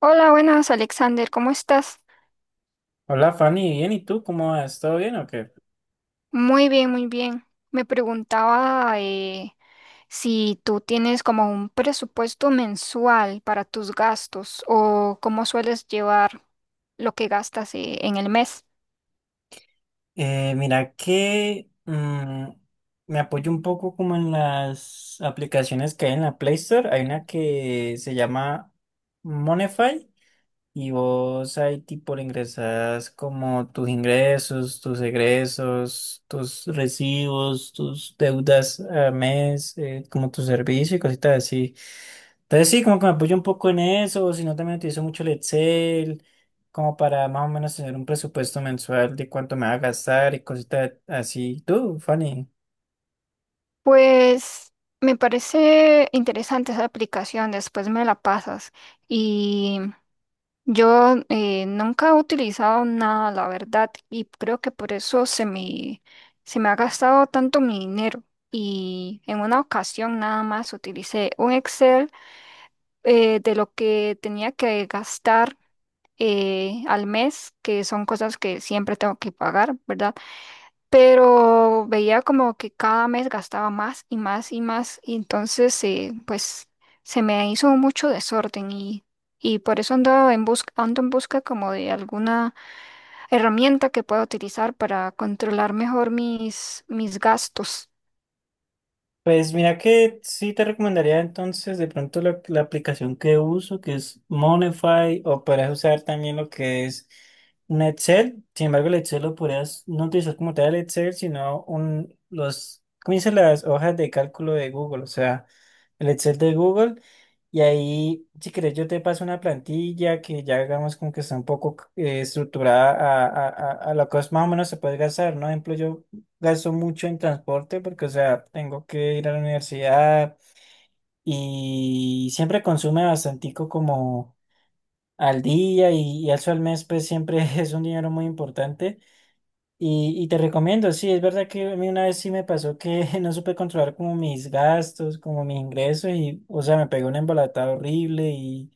Hola, buenas Alexander, ¿cómo estás? Hola Fanny, bien, ¿y tú cómo vas? ¿Todo bien o qué? Muy bien, muy bien. Me preguntaba si tú tienes como un presupuesto mensual para tus gastos o cómo sueles llevar lo que gastas en el mes. Mira que me apoyo un poco como en las aplicaciones que hay en la Play Store. Hay una que se llama Monify. Y vos ahí tipo le ingresas como tus ingresos, tus egresos, tus recibos, tus deudas a mes, como tu servicio y cositas así. Entonces sí, como que me apoyo un poco en eso, si no también utilizo mucho el Excel, como para más o menos tener un presupuesto mensual de cuánto me va a gastar y cositas así. Tú, Fanny. Pues me parece interesante esa aplicación, después me la pasas. Yo nunca he utilizado nada, la verdad, y creo que por eso se me ha gastado tanto mi dinero. Y en una ocasión nada más utilicé un Excel de lo que tenía que gastar al mes, que son cosas que siempre tengo que pagar, ¿verdad? Pero veía como que cada mes gastaba más y más y más, y entonces pues se me hizo mucho desorden, y por eso ando en busca como de alguna herramienta que pueda utilizar para controlar mejor mis gastos. Pues mira que sí te recomendaría entonces de pronto la aplicación que uso, que es Monify, o podrías usar también lo que es un Excel. Sin embargo, el Excel lo podrías no utilizar como tal el Excel, sino un, los, ¿cómo dicen las hojas de cálculo de Google? O sea, el Excel de Google. Y ahí, si querés, yo te paso una plantilla que ya hagamos como que está un poco estructurada a lo que más o menos se puede gastar, ¿no? Ejemplo, yo gasto mucho en transporte porque, o sea, tengo que ir a la universidad y siempre consume bastantico como al día y eso al mes, pues siempre es un dinero muy importante. Y te recomiendo, sí, es verdad que a mí una vez sí me pasó que no supe controlar como mis gastos, como mis ingresos y, o sea, me pegó una embolatada horrible y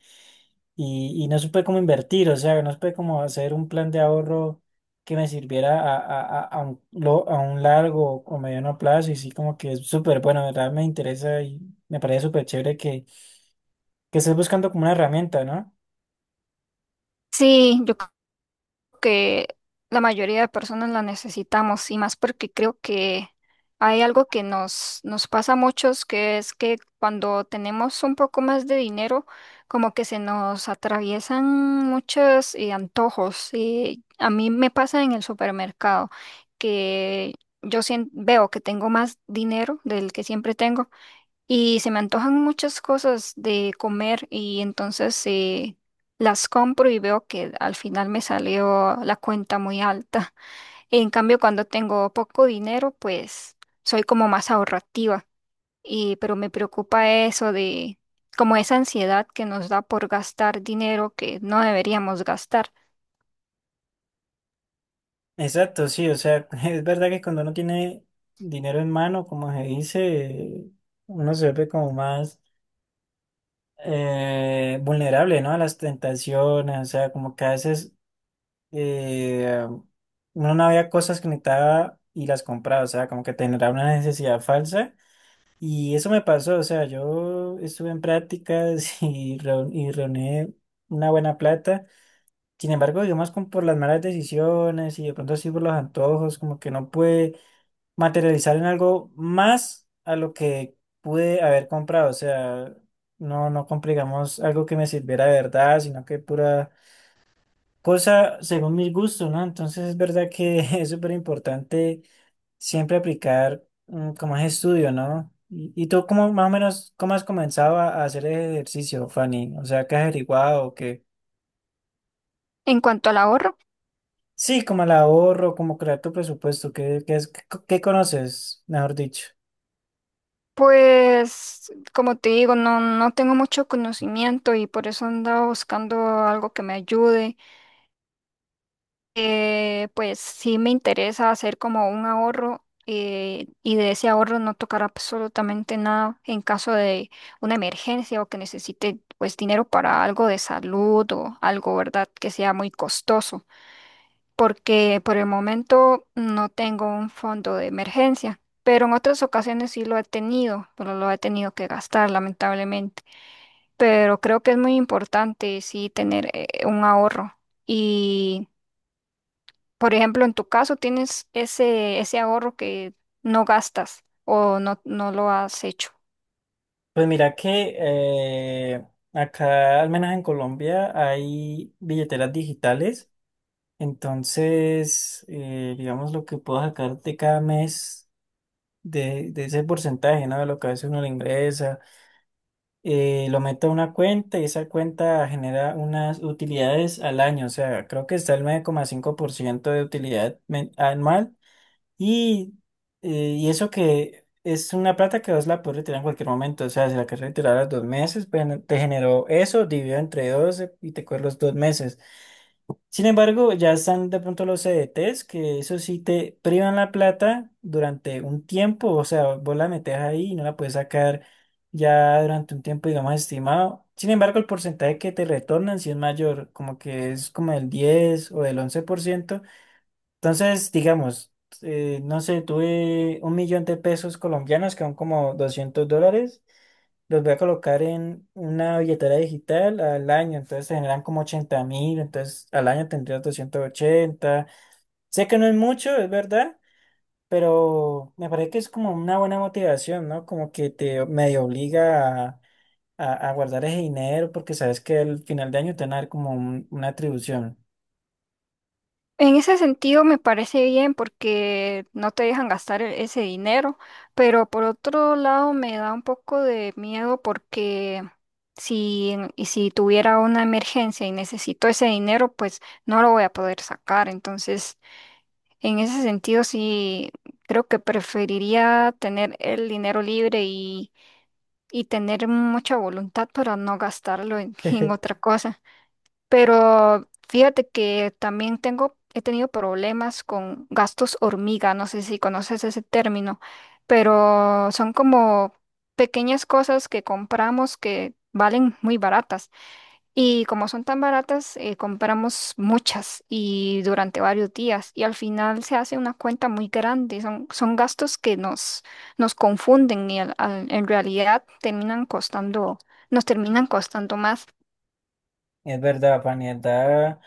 y, y no supe cómo invertir, o sea, no supe cómo hacer un plan de ahorro que me sirviera a un largo o mediano plazo y sí como que es súper bueno, de verdad me interesa y me parece súper chévere que estés buscando como una herramienta, ¿no? Sí, yo que la mayoría de personas la necesitamos, y más porque creo que hay algo que nos pasa a muchos, que es que cuando tenemos un poco más de dinero, como que se nos atraviesan muchos antojos. Y a mí me pasa en el supermercado que yo veo que tengo más dinero del que siempre tengo. Y se me antojan muchas cosas de comer, y entonces las compro y veo que al final me salió la cuenta muy alta. En cambio, cuando tengo poco dinero, pues soy como más ahorrativa. Y, pero me preocupa eso de como esa ansiedad que nos da por gastar dinero que no deberíamos gastar. Exacto, sí, o sea, es verdad que cuando uno tiene dinero en mano, como se dice, uno se ve como más vulnerable, ¿no? A las tentaciones, o sea, como que a veces eh, uno no había cosas que necesitaba y las compraba, o sea, como que tenía una necesidad falsa. Y eso me pasó, o sea, yo estuve en prácticas y, reu- y reuní una buena plata. Sin embargo, digamos, como por las malas decisiones y de pronto así por los antojos, como que no pude materializar en algo más a lo que pude haber comprado, o sea, no, no compré, digamos, algo que me sirviera de verdad, sino que pura cosa según mis gustos, ¿no? Entonces es verdad que es súper importante siempre aplicar como es estudio, ¿no? ¿Y tú cómo más o menos, cómo has comenzado a hacer ejercicio, Fanny? O sea, ¿qué has averiguado? ¿Qué? En cuanto al ahorro, Sí, como el ahorro, como crear tu presupuesto, ¿qué, qué, es- qué co- qué conoces, mejor dicho? pues como te digo, no tengo mucho conocimiento, y por eso ando buscando algo que me ayude. Pues sí me interesa hacer como un ahorro, y de ese ahorro no tocar absolutamente nada en caso de una emergencia o que necesite pues dinero para algo de salud o algo, ¿verdad? Que sea muy costoso, porque por el momento no tengo un fondo de emergencia, pero en otras ocasiones sí lo he tenido, pero lo he tenido que gastar lamentablemente, pero creo que es muy importante sí tener un ahorro. Y por ejemplo, en tu caso tienes ese ahorro que no gastas o no lo has hecho. Pues mira que acá, al menos en Colombia, hay billeteras digitales. Entonces, digamos, lo que puedo sacar de cada mes de ese porcentaje, ¿no? De lo que a veces uno le ingresa, lo meto a una cuenta y esa cuenta genera unas utilidades al año, o sea, creo que está el 9,5% de utilidad men- anual y, y eso que es una plata que vos la puedes retirar en cualquier momento, o sea, si la querés retirar a los 2 meses, pues te generó eso, dividido entre 12 y te coge los 2 meses. Sin embargo, ya están de pronto los CDTs, que eso sí te privan la plata durante un tiempo, o sea, vos la metes ahí y no la puedes sacar ya durante un tiempo, digamos, estimado. Sin embargo, el porcentaje que te retornan sí es mayor, como que es como del 10% o del 11%. Entonces, digamos, no sé, tuve 1 millón de pesos colombianos, que son como $200, los voy a colocar en una billetera digital al año, entonces se generan como 80.000, entonces al año tendrías 280. Sé que no es mucho, es verdad, pero me parece que es como una buena motivación, ¿no? Como que te medio obliga a, a guardar ese dinero porque sabes que al final de año te van a dar como una atribución. En ese sentido me parece bien porque no te dejan gastar ese dinero, pero por otro lado me da un poco de miedo porque y si tuviera una emergencia y necesito ese dinero, pues no lo voy a poder sacar. Entonces, en ese sentido sí creo que preferiría tener el dinero libre y tener mucha voluntad para no gastarlo en, en otra cosa. Pero fíjate que también tengo, he tenido problemas con gastos hormiga, no sé si conoces ese término, pero son como pequeñas cosas que compramos que valen muy baratas. Y como son tan baratas, compramos muchas y durante varios días. Y al final se hace una cuenta muy grande. Son gastos que nos confunden y en realidad terminan costando, nos terminan costando más. Es verdad, Fanny, en verdad,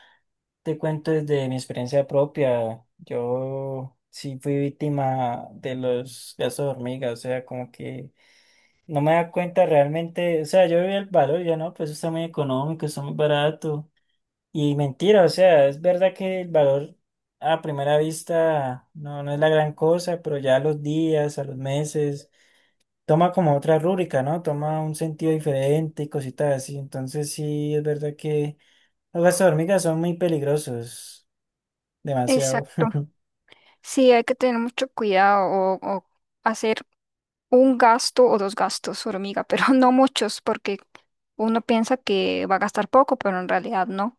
te cuento desde mi experiencia propia. Yo sí fui víctima de los gastos de hormiga, o sea, como que no me da cuenta realmente, o sea, yo vi el valor, y yo no, pues eso está muy económico, está muy barato. Y mentira, o sea, es verdad que el valor a primera vista no, no es la gran cosa, pero ya a los días, a los meses, toma como otra rúbrica, ¿no? Toma un sentido diferente y cositas así. Entonces sí, es verdad que los gastos hormigas son muy peligrosos, demasiado. Exacto. Sí, hay que tener mucho cuidado, o hacer un gasto o dos gastos, hormiga, pero no muchos porque uno piensa que va a gastar poco, pero en realidad no.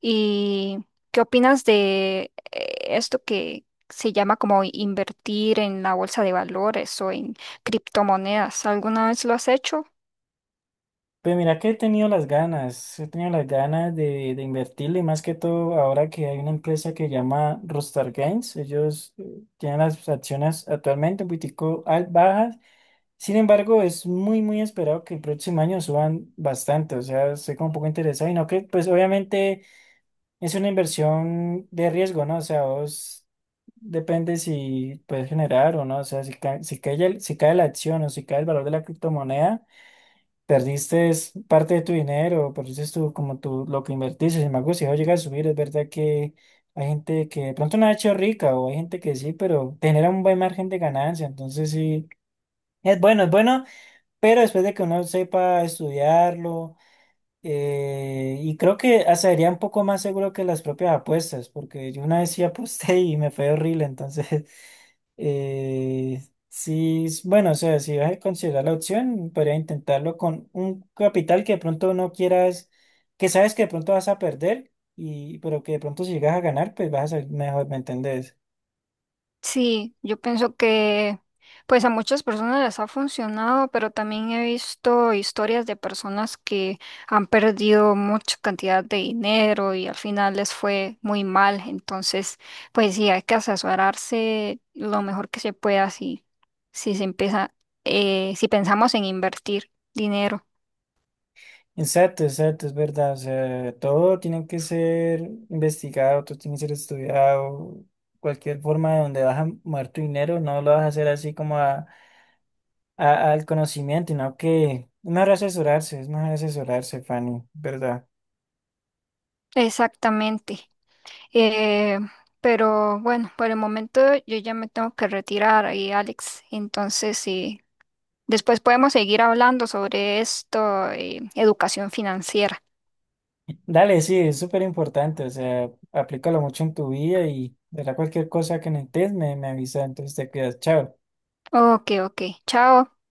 ¿Y qué opinas de esto que se llama como invertir en la bolsa de valores o en criptomonedas? ¿Alguna vez lo has hecho? Pues mira que he tenido las ganas, he tenido las ganas de invertirle, y más que todo ahora que hay una empresa que se llama Rockstar Games, ellos tienen las acciones actualmente un poquitico al- bajas, sin embargo es muy muy esperado que el próximo año suban bastante, o sea, estoy como un poco interesado y no que, pues obviamente es una inversión de riesgo, ¿no? O sea, vos depende si puedes generar o no, o sea, si cae la acción o si cae el valor de la criptomoneda. Perdiste es parte de tu dinero, perdiste tú como tú lo que invertiste. Sin embargo, si eso llega a subir, es verdad que hay gente que de pronto no ha hecho rica o hay gente que sí, pero te genera un buen margen de ganancia. Entonces sí, es bueno, pero después de que uno sepa estudiarlo, y creo que hasta sería un poco más seguro que las propias apuestas, porque yo una vez sí aposté y me fue horrible, entonces eh, sí, es- bueno, o sea, si vas a considerar la opción, podría intentarlo con un capital que de pronto no quieras, que sabes que de pronto vas a perder, y, pero que de pronto si llegas a ganar, pues vas a salir mejor, ¿me entendés? Sí, yo pienso que pues a muchas personas les ha funcionado, pero también he visto historias de personas que han perdido mucha cantidad de dinero y al final les fue muy mal. Entonces, pues sí, hay que asesorarse lo mejor que se pueda si se empieza, si pensamos en invertir dinero. Exacto, exacto, es verdad. O sea, todo tiene que ser investigado, todo tiene que ser estudiado. Cualquier forma de donde vas a mover tu dinero, no lo vas a hacer así como a, al conocimiento, sino que es mejor asesorarse, Fanny, ¿verdad? Exactamente. Eh, pero bueno, por el momento yo ya me tengo que retirar ahí, Alex. Entonces, sí. Después podemos seguir hablando sobre esto, educación financiera. Dale, sí, es súper importante, o sea, aplícalo mucho en tu vida y verá cualquier cosa que necesites, me avisa, entonces te quedas, chao. Ok, ok. Chao.